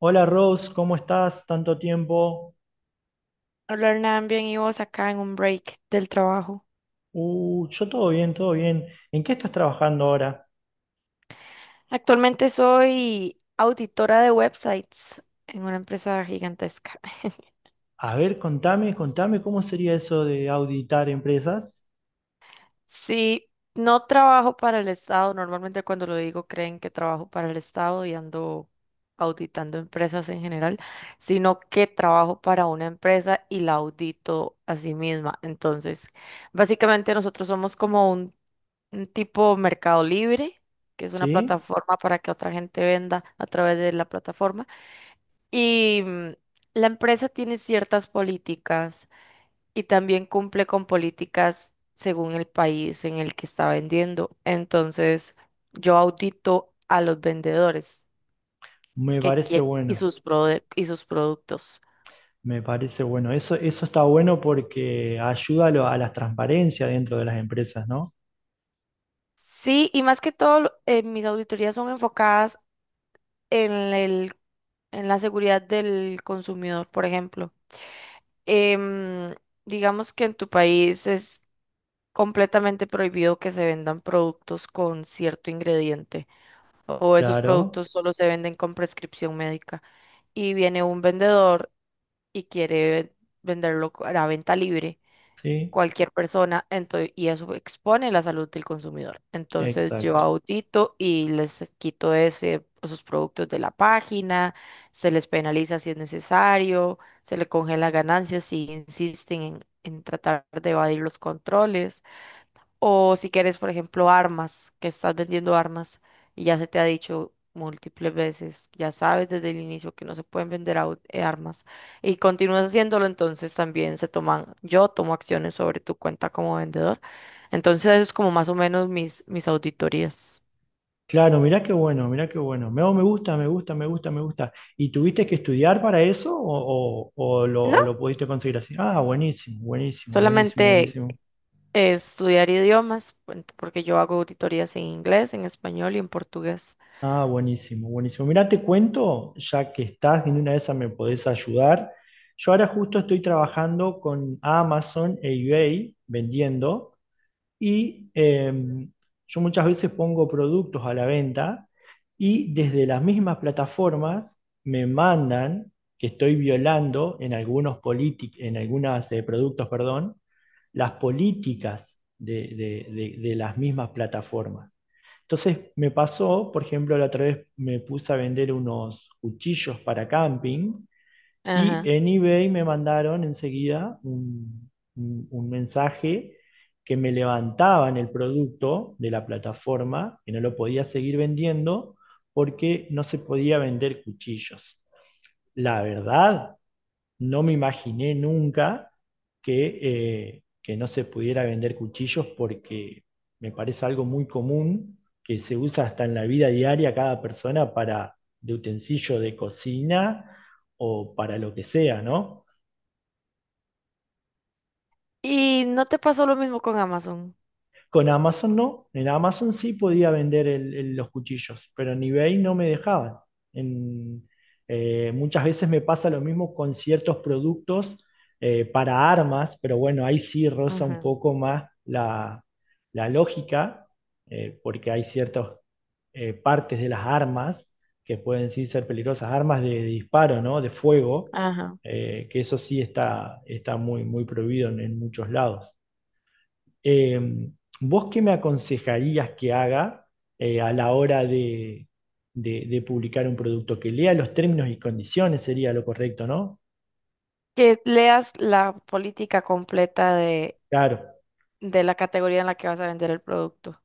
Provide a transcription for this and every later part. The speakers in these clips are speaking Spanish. Hola Rose, ¿cómo estás? Tanto tiempo. Hola Hernán, bien y vos acá en un break del trabajo. Yo todo bien, todo bien. ¿En qué estás trabajando ahora? Actualmente soy auditora de websites en una empresa gigantesca. A ver, contame, contame cómo sería eso de auditar empresas, Sí, no trabajo para el Estado. Normalmente cuando lo digo creen que trabajo para el Estado y ando auditando empresas en general, sino que trabajo para una empresa y la audito a sí misma. Entonces, básicamente nosotros somos como un tipo Mercado Libre, que es una ¿sí? plataforma para que otra gente venda a través de la plataforma. Y la empresa tiene ciertas políticas y también cumple con políticas según el país en el que está vendiendo. Entonces, yo audito a los vendedores Me que parece quieren y bueno, y sus productos. me parece bueno. Eso está bueno porque ayuda a la transparencia dentro de las empresas, ¿no? Sí, y más que todo, mis auditorías son enfocadas en el, en la seguridad del consumidor, por ejemplo. em, digamos que en tu país es completamente prohibido que se vendan productos con cierto ingrediente o esos Claro, productos solo se venden con prescripción médica, y viene un vendedor y quiere venderlo a la venta libre sí, cualquier persona, entonces, y eso expone la salud del consumidor. Entonces yo exacto. audito y les quito esos productos de la página, se les penaliza si es necesario, se les congela ganancias si insisten en tratar de evadir los controles. O si quieres, por ejemplo, armas, que estás vendiendo armas y ya se te ha dicho múltiples veces, ya sabes desde el inicio que no se pueden vender armas y continúas haciéndolo, entonces también se toman, yo tomo acciones sobre tu cuenta como vendedor. Entonces eso es como más o menos mis auditorías. Claro, mirá qué bueno, mirá qué bueno. Me, oh, me gusta, me gusta, me gusta, me gusta. ¿Y tuviste que estudiar para eso o, o- o lo, o No, lo pudiste conseguir así? Ah, buenísimo, buenísimo, buenísimo, solamente buenísimo. Estudiar idiomas, porque yo hago auditorías en inglés, en español y en portugués. Ah, buenísimo, buenísimo. Mirá, te cuento, ya que estás en una de esas me podés ayudar. Yo ahora justo estoy trabajando con Amazon e eBay vendiendo. Y yo muchas veces pongo productos a la venta y desde las mismas plataformas me mandan que estoy violando en en algunos productos, perdón, las políticas de las mismas plataformas. Entonces me pasó, por ejemplo, la otra vez me puse a vender unos cuchillos para camping y Ajá. en eBay me mandaron enseguida un mensaje que me levantaban el producto de la plataforma, que no lo podía seguir vendiendo porque no se podía vender cuchillos. La verdad, no me imaginé nunca que, que no se pudiera vender cuchillos porque me parece algo muy común que se usa hasta en la vida diaria cada persona para de utensilio de cocina o para lo que sea, ¿no? Y no te pasó lo mismo con Amazon. Con Amazon no. En Amazon sí podía vender los cuchillos, pero en eBay no me dejaban. En- Muchas veces me pasa lo mismo con ciertos productos para armas, pero bueno, ahí sí roza un Ujú. poco más la, la lógica, porque hay ciertas partes de las armas que pueden sí ser peligrosas, armas de disparo, ¿no? De fuego, Ajá. Que eso sí está, está muy, muy prohibido en muchos lados. Eh, ¿Vos qué me aconsejarías que haga a la hora de publicar un producto? Que lea los términos y condiciones sería lo correcto, ¿no? Que leas la política completa Claro, de la categoría en la que vas a vender el producto,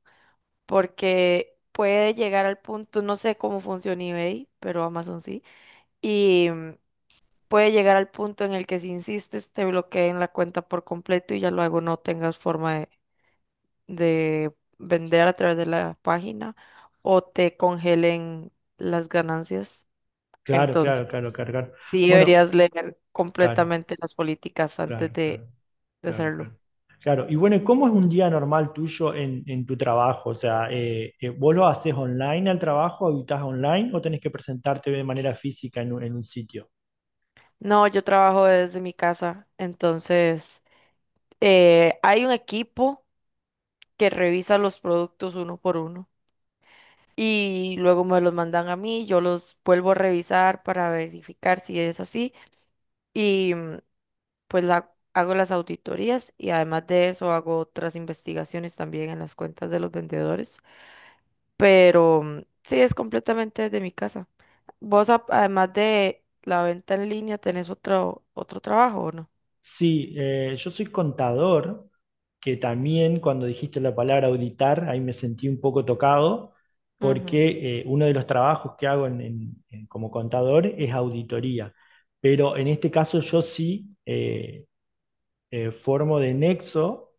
porque puede llegar al punto, no sé cómo funciona eBay, pero Amazon sí, y puede llegar al punto en el que si insistes te bloqueen la cuenta por completo y ya luego no tengas forma de vender a través de la página o te congelen las ganancias. claro, claro, claro, Entonces, claro, claro. sí Bueno, deberías leer claro, completamente las políticas antes claro, de claro, claro, hacerlo. claro. Claro, y bueno, ¿y cómo es un día normal tuyo en tu trabajo? O sea, ¿vos lo haces online al trabajo, habitas online o tenés que presentarte de manera física en un sitio? No, yo trabajo desde mi casa, entonces hay un equipo que revisa los productos uno por uno y luego me los mandan a mí, yo los vuelvo a revisar para verificar si es así, y pues hago las auditorías, y además de eso hago otras investigaciones también en las cuentas de los vendedores, pero sí, es completamente desde mi casa. ¿Vos además de la venta en línea tenés otro trabajo o Sí, yo soy contador, que también cuando dijiste la palabra auditar, ahí me sentí un poco tocado, no? porque uno de los trabajos que hago como contador es auditoría. Pero en este caso yo sí formo de nexo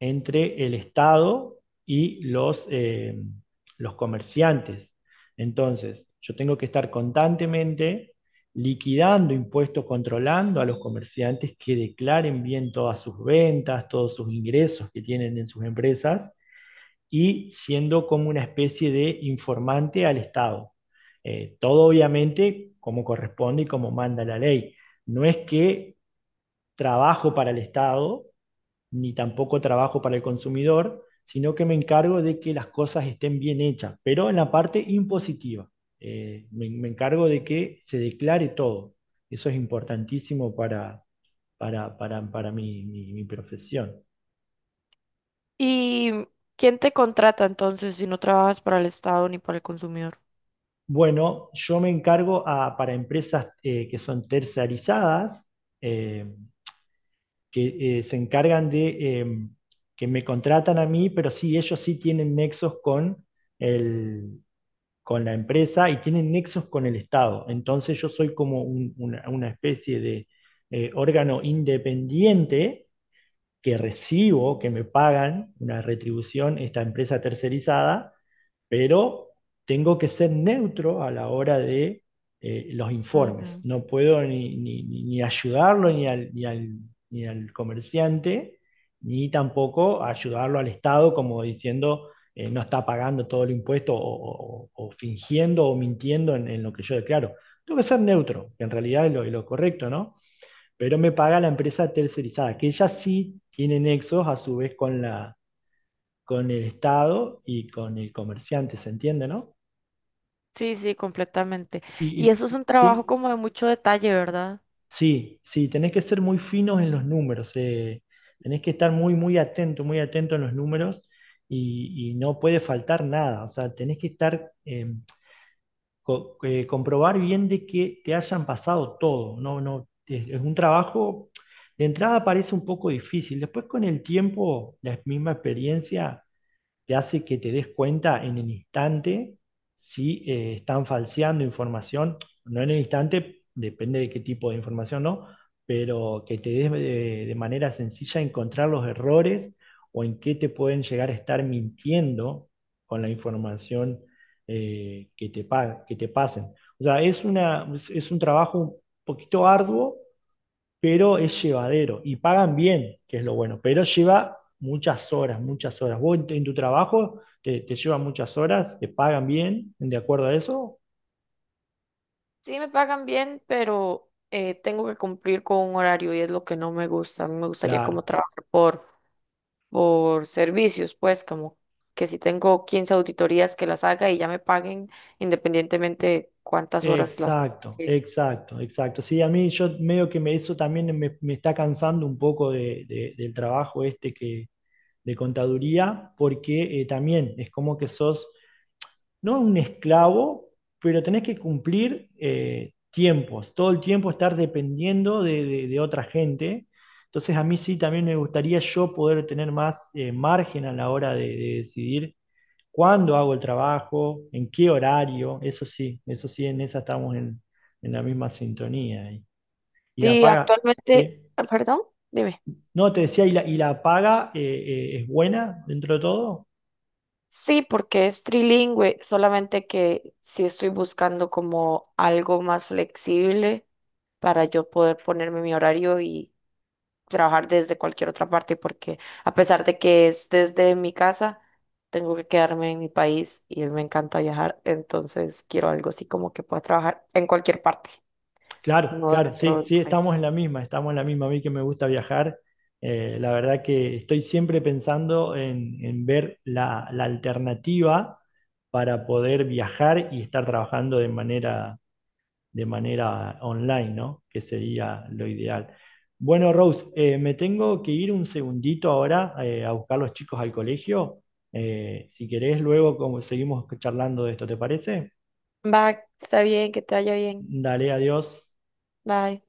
entre el Estado y los comerciantes. Entonces, yo tengo que estar constantemente liquidando impuestos, controlando a los comerciantes que declaren bien todas sus ventas, todos sus ingresos que tienen en sus empresas y siendo como una especie de informante al Estado. Todo obviamente como corresponde y como manda la ley. No es que trabajo para el Estado, ni tampoco trabajo para el consumidor, sino que me encargo de que las cosas estén bien hechas, pero en la parte impositiva. Me, me encargo de que se declare todo. Eso es importantísimo para mi, mi profesión. ¿Y quién te contrata entonces si no trabajas para el Estado ni para el consumidor? Bueno, yo me encargo para empresas que son tercerizadas, eh, que se encargan de que me contratan a mí, pero sí, ellos sí tienen nexos con el, con la empresa y tienen nexos con el Estado. Entonces yo soy como una especie de órgano independiente que recibo, que me pagan una retribución esta empresa tercerizada pero tengo que ser neutro a la hora de los informes. Ujú. No puedo ni, ni ayudarlo ni al, ni al comerciante, ni tampoco ayudarlo al Estado como diciendo no está pagando todo el impuesto o fingiendo o mintiendo en lo que yo declaro. Tengo que ser neutro, que en realidad es lo correcto, ¿no? Pero me paga la empresa tercerizada, que ella sí tiene nexos a su vez con la, con el Estado y con el comerciante, ¿se entiende, no? Sí, sí, completamente. Y, Y y- eso es un trabajo sí, como de mucho detalle, ¿verdad? sí, sí, tenés que ser muy finos en los números, tenés que estar muy, muy atento en los números y no puede faltar nada, o sea, tenés que estar, comprobar bien de que te hayan pasado todo, no, no, es un trabajo, de entrada parece un poco difícil, después con el tiempo, la misma experiencia te hace que te des cuenta en el instante si están falseando información, no en el instante, depende de qué tipo de información, ¿no? Pero que te des de manera sencilla encontrar los errores o en qué te pueden llegar a estar mintiendo con la información que te pasen. O sea, es una, es un trabajo un poquito arduo pero es llevadero y pagan bien, que es lo bueno, pero lleva muchas horas, muchas horas. ¿Vos en tu trabajo te, te lleva muchas horas? ¿Te pagan bien de acuerdo a eso? Sí, me pagan bien, pero tengo que cumplir con un horario y es lo que no me gusta. A mí me gustaría como Claro. trabajar por servicios, pues como que si tengo 15 auditorías que las haga y ya me paguen independientemente cuántas horas las... Exacto, eh, exacto, exacto. Sí, a mí yo medio que me, eso también me está cansando un poco del trabajo este que, de contaduría, porque también es como que sos no un esclavo, pero tenés que cumplir tiempos, todo el tiempo estar dependiendo de, de otra gente. Entonces a mí sí también me gustaría yo poder tener más margen a la hora de decidir cuándo hago el trabajo, en qué horario, eso sí, en esa estamos en la misma sintonía. Y la Sí, paga, actualmente, ¿sí? ah, perdón, dime. No, te decía, y la paga es buena dentro de todo? Sí, porque es trilingüe, solamente que sí estoy buscando como algo más flexible para yo poder ponerme mi horario y trabajar desde cualquier otra parte, porque a pesar de que es desde mi casa, tengo que quedarme en mi país y me encanta viajar, entonces quiero algo así como que pueda trabajar en cualquier parte, Claro, no claro, sí, dentro del sí, estamos país. en la misma, estamos en la misma. A mí que me gusta viajar, la verdad que estoy siempre pensando en ver la, la alternativa para poder viajar y estar trabajando de manera online, ¿no? Que sería lo ideal. Bueno, Rose, me tengo que ir un segundito ahora a buscar los chicos al colegio. Si querés, seguimos charlando de esto, ¿te parece? Va, está bien, que te vaya bien. Dale, adiós. Bye.